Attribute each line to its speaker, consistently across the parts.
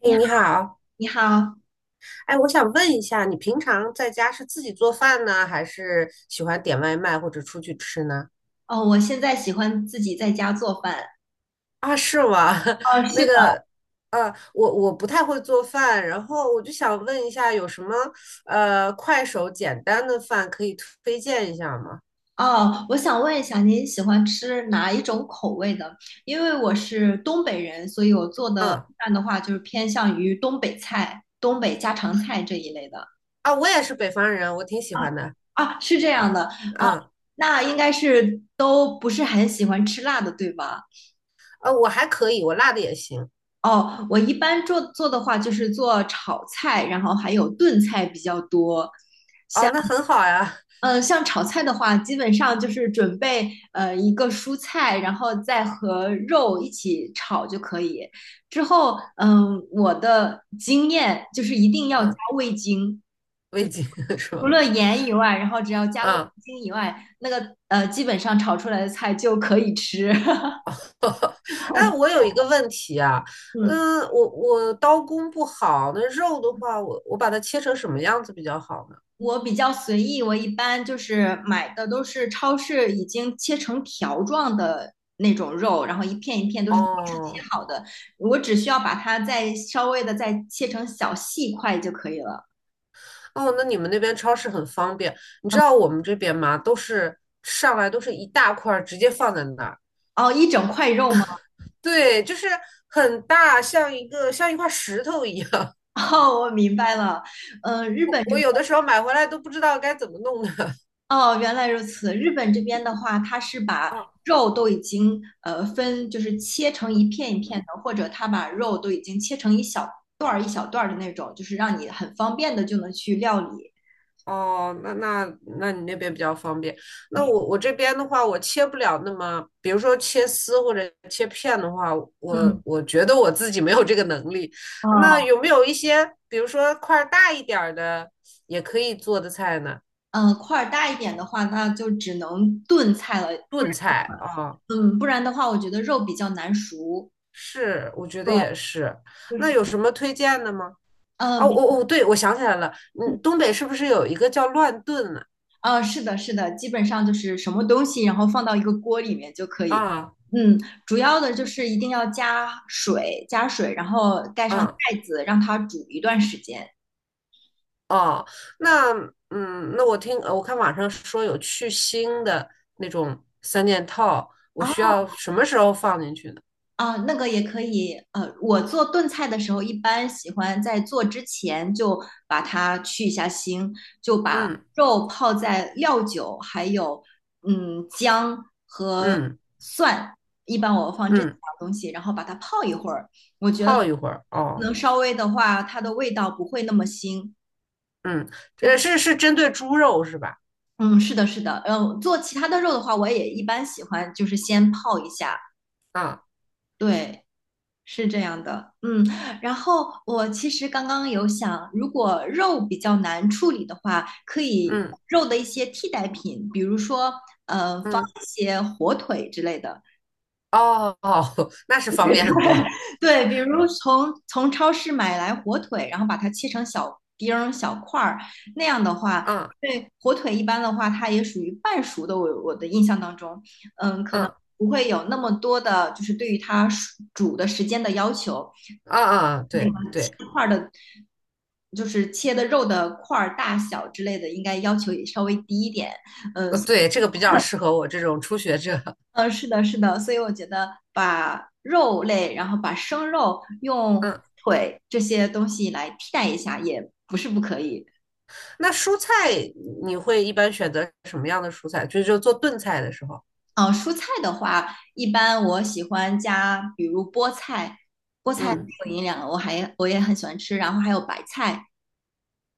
Speaker 1: 哎，
Speaker 2: 你好，
Speaker 1: 你好。
Speaker 2: 你好。
Speaker 1: 哎，我想问一下，你平常在家是自己做饭呢，还是喜欢点外卖或者出去吃呢？
Speaker 2: 哦，我现在喜欢自己在家做饭。
Speaker 1: 啊，是吗？
Speaker 2: 哦，是
Speaker 1: 那
Speaker 2: 的。
Speaker 1: 个，呃，我不太会做饭，然后我就想问一下，有什么快手简单的饭可以推荐一下吗？
Speaker 2: 哦，我想问一下，您喜欢吃哪一种口味的？因为我是东北人，所以我做的
Speaker 1: 嗯。
Speaker 2: 饭的话，就是偏向于东北菜、东北家常菜这一类的。
Speaker 1: 啊，我也是北方人，我挺喜欢的。
Speaker 2: 啊，是这样的。哦，
Speaker 1: 嗯，
Speaker 2: 那应该是都不是很喜欢吃辣的，对吧？
Speaker 1: 我还可以，我辣的也行。
Speaker 2: 哦，我一般做的话，就是做炒菜，然后还有炖菜比较多。
Speaker 1: 哦，那很好呀。
Speaker 2: 嗯，像炒菜的话，基本上就是准备一个蔬菜，然后再和肉一起炒就可以。之后，嗯，我的经验就是一定要加
Speaker 1: 嗯，
Speaker 2: 味精，就
Speaker 1: 味
Speaker 2: 是
Speaker 1: 精 是
Speaker 2: 除
Speaker 1: 吧？
Speaker 2: 了盐以外，然后只要加了味
Speaker 1: 嗯。
Speaker 2: 精以外，那个基本上炒出来的菜就可以吃。
Speaker 1: 哎，我 有一个问题啊。
Speaker 2: 嗯。
Speaker 1: 嗯，我刀工不好，那肉的话，我把它切成什么样子比较好呢？
Speaker 2: 我比较随意，我一般就是买的都是超市已经切成条状的那种肉，然后一片一片都是超市切
Speaker 1: 哦
Speaker 2: 好的，我只需要把它再稍微的再切成小细块就可以了。
Speaker 1: 哦，那你们那边超市很方便。你知道我们这边吗？都是上来都是一大块儿，直接放在那儿，
Speaker 2: 哦，一整块肉吗？
Speaker 1: 对，就是很大，像一个像一块石头一样。
Speaker 2: 哦，我明白了。嗯、日本
Speaker 1: 我
Speaker 2: 这
Speaker 1: 我有的时候买回来都不知道该怎么弄的。
Speaker 2: 哦，原来如此。日本这边的话，它是把 肉都已经分，就是切成一片一片的，或者它把肉都已经切成一小段儿一小段儿的那种，就是让你很方便的就能去料理。
Speaker 1: 哦，那你那边比较方便。那我这边的话，我切不了那么，比如说切丝或者切片的话，我
Speaker 2: 嗯，
Speaker 1: 我觉得我自己没有这个能力。那有
Speaker 2: 哦，
Speaker 1: 没有一些，比如说块儿大一点儿的，也可以做的菜呢？
Speaker 2: 嗯，块儿大一点的话，那就只能炖菜了。不
Speaker 1: 炖
Speaker 2: 然，
Speaker 1: 菜啊。
Speaker 2: 嗯，不然的话，我觉得肉比较难熟。
Speaker 1: 是，我觉得
Speaker 2: 对，
Speaker 1: 也是。
Speaker 2: 就
Speaker 1: 那
Speaker 2: 是，
Speaker 1: 有什么推荐的吗？哦，
Speaker 2: 嗯、
Speaker 1: 我对，我想起来了。嗯，东北是不是有一个叫乱炖呢？
Speaker 2: 啊，是的，是的，基本上就是什么东西，然后放到一个锅里面就可以。
Speaker 1: 啊
Speaker 2: 嗯，主要的就是一定要加水，加水，然后盖上
Speaker 1: 啊
Speaker 2: 盖子，让它煮一段时间。
Speaker 1: 哦，那那，我看网上说有去腥的那种三件套，我
Speaker 2: 啊
Speaker 1: 需要什么时候放进去呢？
Speaker 2: 啊，那个也可以。我做炖菜的时候，一般喜欢在做之前就把它去一下腥，就把
Speaker 1: 嗯
Speaker 2: 肉泡在料酒，还有姜、
Speaker 1: 嗯
Speaker 2: 蒜，一般我放这几
Speaker 1: 嗯，
Speaker 2: 样东西，然后把它泡一会儿。
Speaker 1: 泡一会儿哦。
Speaker 2: 能稍微的话，它的味道不会那么腥。
Speaker 1: 嗯，是针对猪肉是吧？
Speaker 2: 嗯，是的，是的。嗯，做其他的肉的话，我也一般喜欢就是先泡一下。
Speaker 1: 啊，
Speaker 2: 对，是这样的。嗯，然后我其实刚刚有想，如果肉比较难处理的话，可以
Speaker 1: 嗯
Speaker 2: 肉的一些替代品，比如说放
Speaker 1: 嗯，
Speaker 2: 一些火腿之类的。
Speaker 1: 哦哦，那是方便很多。
Speaker 2: 对，比如从超市买来火腿，然后把它切成小丁儿、小块儿，那样的话，
Speaker 1: 啊
Speaker 2: 对火腿一般的话，它也属于半熟的。我的印象当中，嗯，可能
Speaker 1: 啊
Speaker 2: 不会有那么多的，就是对于它熟煮的时间的要求。
Speaker 1: 啊啊，
Speaker 2: 那
Speaker 1: 对
Speaker 2: 个切
Speaker 1: 对
Speaker 2: 块儿的，就是切的肉的块儿大小之类的，应该要求也稍微低一点。
Speaker 1: 对，这个比较适合我这种初学者。
Speaker 2: 是的，是的，所以我觉得把肉类，然后把生肉用
Speaker 1: 嗯，
Speaker 2: 腿这些东西来替代一下，也不是不可以。
Speaker 1: 那蔬菜你会一般选择什么样的蔬菜？就做炖菜的时候。
Speaker 2: 嗯、蔬菜的话，一般我喜欢加，比如菠菜。菠菜
Speaker 1: 嗯。
Speaker 2: 挺有营养的，我也很喜欢吃，然后还有白菜。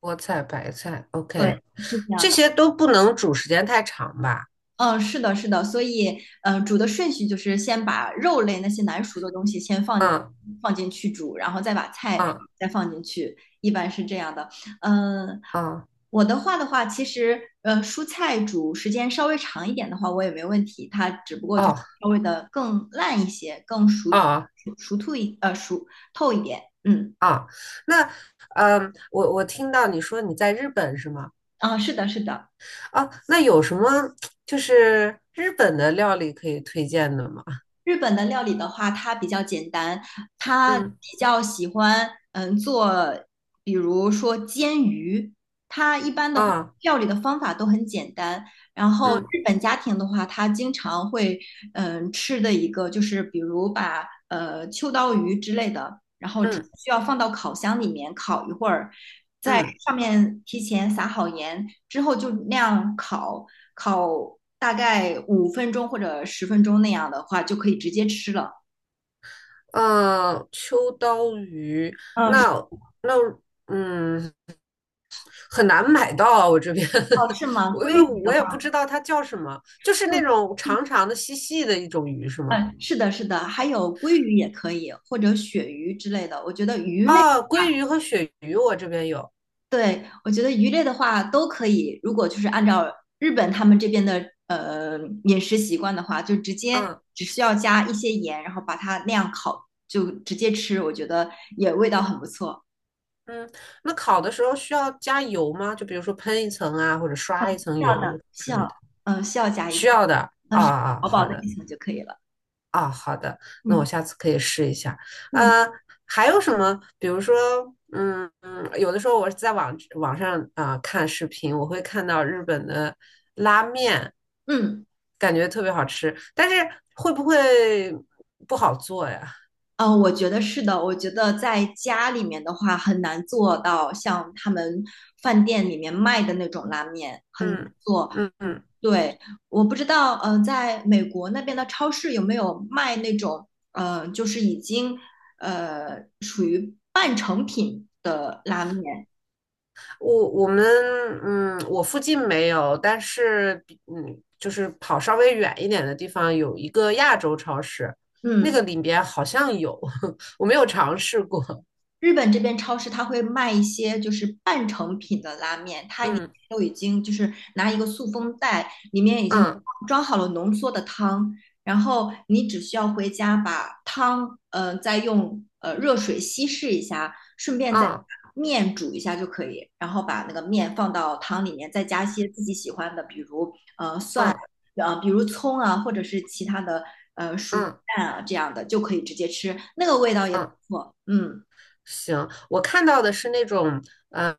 Speaker 1: 菠菜、白菜
Speaker 2: 对，
Speaker 1: ，OK。
Speaker 2: 是这样
Speaker 1: 这
Speaker 2: 的。
Speaker 1: 些都不能煮时间太长吧？
Speaker 2: 嗯，是的，是的，所以，煮的顺序就是先把肉类那些难熟的东西先放
Speaker 1: 嗯
Speaker 2: 放进去煮，然后再把菜
Speaker 1: 嗯
Speaker 2: 再放进去，一般是这样的。嗯，
Speaker 1: 嗯，
Speaker 2: 我的话，其实，蔬菜煮时间稍微长一点的话，我也没问题，它只不过就是
Speaker 1: 哦
Speaker 2: 稍微的更烂一些，更
Speaker 1: 哦
Speaker 2: 熟透一点。嗯，
Speaker 1: 哦，那，我听到你说你在日本是吗？
Speaker 2: 啊，是的，是的。
Speaker 1: 哦，那有什么就是日本的料理可以推荐的吗？
Speaker 2: 日本的料理的话，它比较简单，它
Speaker 1: 嗯
Speaker 2: 比较喜欢做，比如说煎鱼，它一般的话
Speaker 1: 啊
Speaker 2: 料理的方法都很简单。然后
Speaker 1: 嗯
Speaker 2: 日本家庭的话，它经常会吃的一个就是比如把秋刀鱼之类的，然后只
Speaker 1: 嗯
Speaker 2: 需要放到烤箱里面烤一会儿，在
Speaker 1: 嗯
Speaker 2: 上面提前撒好盐，之后就那样烤，烤大概5分钟或者10分钟那样的话，就可以直接吃了。
Speaker 1: 嗯，秋刀鱼。
Speaker 2: 嗯，是
Speaker 1: 那那嗯。很难买到，啊，我这边
Speaker 2: 哦，是吗？
Speaker 1: 我因为
Speaker 2: 鲑鱼的
Speaker 1: 我也
Speaker 2: 话，
Speaker 1: 不知道它叫什么，就是
Speaker 2: 会，
Speaker 1: 那种长长的、细细的一种鱼是吗？
Speaker 2: 嗯，是的，是的，还有鲑鱼也可以，或者鳕鱼之类的。我觉得鱼类，
Speaker 1: 啊，鲑鱼和鳕鱼我这边有。
Speaker 2: 对，我觉得鱼类的话都可以。如果就是按照日本他们这边的饮食习惯的话，就直接
Speaker 1: 嗯
Speaker 2: 只需要加一些盐，然后把它那样烤，就直接吃，我觉得也味道很不错。
Speaker 1: 嗯，那烤的时候需要加油吗？就比如说喷一层啊，或者刷一层油
Speaker 2: 需
Speaker 1: 之类的，
Speaker 2: 要，嗯，需要加一
Speaker 1: 需
Speaker 2: 层，
Speaker 1: 要的。啊
Speaker 2: 是
Speaker 1: 啊，
Speaker 2: 薄薄
Speaker 1: 好
Speaker 2: 的
Speaker 1: 的。
Speaker 2: 一层就可以了。
Speaker 1: 啊，好的，那我
Speaker 2: 嗯
Speaker 1: 下次可以试一下。
Speaker 2: 嗯
Speaker 1: 呃，还有什么？比如说，嗯，嗯有的时候我是在网上啊、看视频，我会看到日本的拉面，
Speaker 2: 嗯，
Speaker 1: 感觉特别好吃，但是会不会不好做呀？
Speaker 2: 我觉得是的。我觉得在家里面的话，很难做到像他们饭店里面卖的那种拉面，很难
Speaker 1: 嗯
Speaker 2: 做。
Speaker 1: 嗯嗯，
Speaker 2: 对，我不知道，在美国那边的超市有没有卖那种，就是已经属于半成品的拉面。
Speaker 1: 我们，我附近没有，但是就是跑稍微远一点的地方有一个亚洲超市，那
Speaker 2: 嗯。
Speaker 1: 个里边好像有，我没有尝试过。
Speaker 2: 日本这边超市它会卖一些就是半成品的拉面，它里面
Speaker 1: 嗯
Speaker 2: 都已经就是拿一个塑封袋，里面已经
Speaker 1: 嗯
Speaker 2: 装好了浓缩的汤，然后你只需要回家把汤，再用热水稀释一下，顺便再
Speaker 1: 嗯
Speaker 2: 把面煮一下就可以，然后把那个面放到汤里面，再加一些自己喜欢的，比如蒜，
Speaker 1: 嗯
Speaker 2: 比如葱啊，或者是其他的熟鸡
Speaker 1: 嗯
Speaker 2: 蛋啊，这样的就可以直接吃，那个味道也不
Speaker 1: 嗯，
Speaker 2: 错，嗯。
Speaker 1: 行，我看到的是那种，嗯、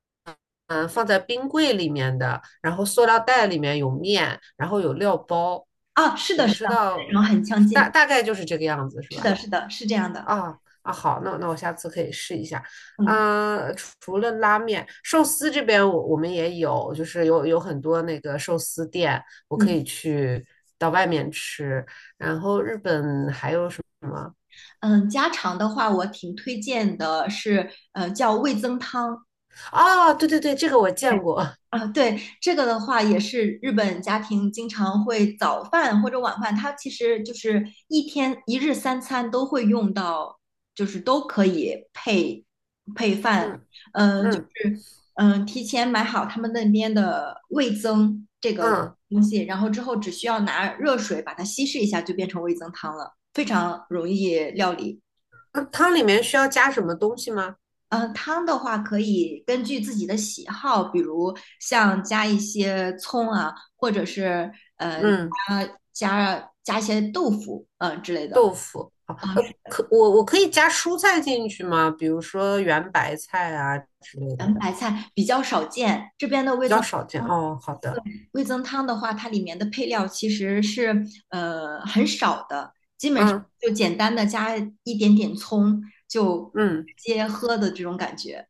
Speaker 1: 嗯、放在冰柜里面的，然后塑料袋里面有面，然后有料包，
Speaker 2: 啊，是
Speaker 1: 我
Speaker 2: 的，是
Speaker 1: 不知
Speaker 2: 的，内
Speaker 1: 道，
Speaker 2: 容很相
Speaker 1: 大
Speaker 2: 近，
Speaker 1: 大概就是这个样子，是
Speaker 2: 是
Speaker 1: 吧？
Speaker 2: 的，是的，是这样的。
Speaker 1: 啊啊，好，那我下次可以试一下。
Speaker 2: 嗯
Speaker 1: 嗯、除了拉面，寿司这边我们也有，就是有很多那个寿司店，我可
Speaker 2: 嗯
Speaker 1: 以去到外面吃。然后日本还有什么？
Speaker 2: 嗯，家常的话，我挺推荐的是，叫味增汤。
Speaker 1: 哦，对对对，这个我见过。
Speaker 2: 啊，对，这个的话也是日本家庭经常会早饭或者晚饭，它其实就是一天一日三餐都会用到，就是都可以配饭。
Speaker 1: 嗯
Speaker 2: 嗯、就
Speaker 1: 嗯
Speaker 2: 是嗯、提前买好他们那边的味增这个
Speaker 1: 嗯，
Speaker 2: 东西，然后之后只需要拿热水把它稀释一下，就变成味增汤了，非常容易料理。
Speaker 1: 那汤里面需要加什么东西吗？
Speaker 2: 嗯，汤的话可以根据自己的喜好，比如像加一些葱啊，或者是嗯
Speaker 1: 嗯，
Speaker 2: 呃加加一些豆腐，嗯、之类的。
Speaker 1: 豆腐。好，可我可以加蔬菜进去吗？比如说圆白菜啊之类的。
Speaker 2: 圆白菜比较少见，这边的
Speaker 1: 比
Speaker 2: 味
Speaker 1: 较
Speaker 2: 增
Speaker 1: 少见。
Speaker 2: 汤
Speaker 1: 哦，好
Speaker 2: 对
Speaker 1: 的。
Speaker 2: 味增汤的话，它里面的配料其实是很少的，基本上
Speaker 1: 嗯
Speaker 2: 就简单的加一点点葱，就
Speaker 1: 嗯，
Speaker 2: 直接喝的这种感觉。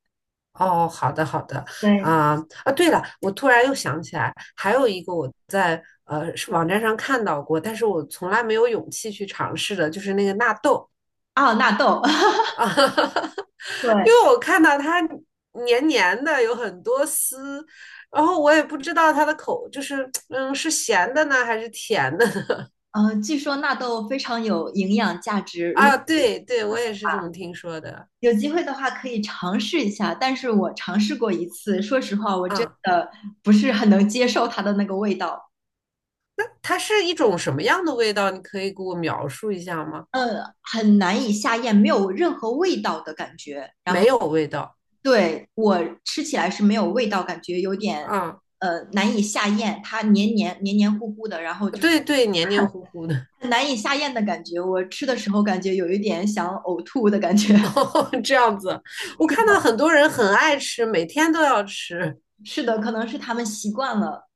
Speaker 1: 哦，好的好的。
Speaker 2: 对
Speaker 1: 啊、啊，对了，我突然又想起来，还有一个我在网站上看到过，但是我从来没有勇气去尝试的，就是那个纳豆。
Speaker 2: 哦，纳豆，
Speaker 1: 啊，
Speaker 2: 对，
Speaker 1: 因为我看到它黏黏的，有很多丝，然后我也不知道它的口就是是咸的呢还是甜的
Speaker 2: 据说纳豆非常有营养价值，如
Speaker 1: 啊？对对，我也是这么听说的
Speaker 2: 有机会的话可以尝试一下。但是我尝试过一次，说实话，我真
Speaker 1: 啊。
Speaker 2: 的不是很能接受它的那个味道。
Speaker 1: 它是一种什么样的味道？你可以给我描述一下吗？
Speaker 2: 很难以下咽，没有任何味道的感觉。然后
Speaker 1: 没有味道
Speaker 2: 对我吃起来是没有味道，感觉有点
Speaker 1: 啊。
Speaker 2: 难以下咽，它黏黏糊糊的，然后就是
Speaker 1: 对对，黏黏糊糊的。
Speaker 2: 很难以下咽的感觉。我吃的时候感觉有一点想呕吐的感觉。
Speaker 1: 这样子。我看到很多人很爱吃，每天都要吃。
Speaker 2: 是的，可能是他们习惯了。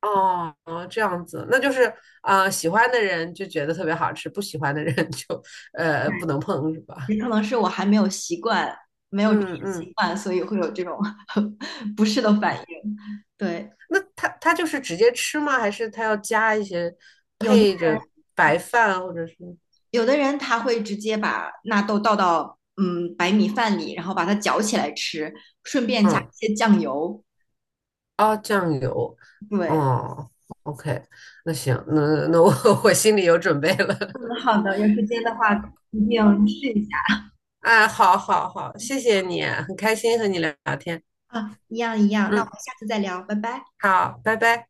Speaker 1: 哦，这样子，那就是喜欢的人就觉得特别好吃，不喜欢的人 就不能碰，是吧？
Speaker 2: 也可能是我还没有习惯，没有这个
Speaker 1: 嗯
Speaker 2: 习
Speaker 1: 嗯，
Speaker 2: 惯，所以会有这种 不适的反应。对，
Speaker 1: 那他就是直接吃吗？还是他要加一些
Speaker 2: 有的
Speaker 1: 配着白饭或者是
Speaker 2: 有的人他会直接把纳豆倒到白米饭里，然后把它搅起来吃，顺便加一
Speaker 1: 嗯
Speaker 2: 些酱油。
Speaker 1: 哦酱油？
Speaker 2: 对，
Speaker 1: 哦，OK，那行，那我 我心里有准备了。
Speaker 2: 嗯，好的，有时间的话一定试一下。
Speaker 1: 哎，好好好，谢谢你，很开心和你聊聊天。
Speaker 2: 啊，一样一样。那我
Speaker 1: 嗯，
Speaker 2: 们下次再聊，拜拜。
Speaker 1: 好，拜拜。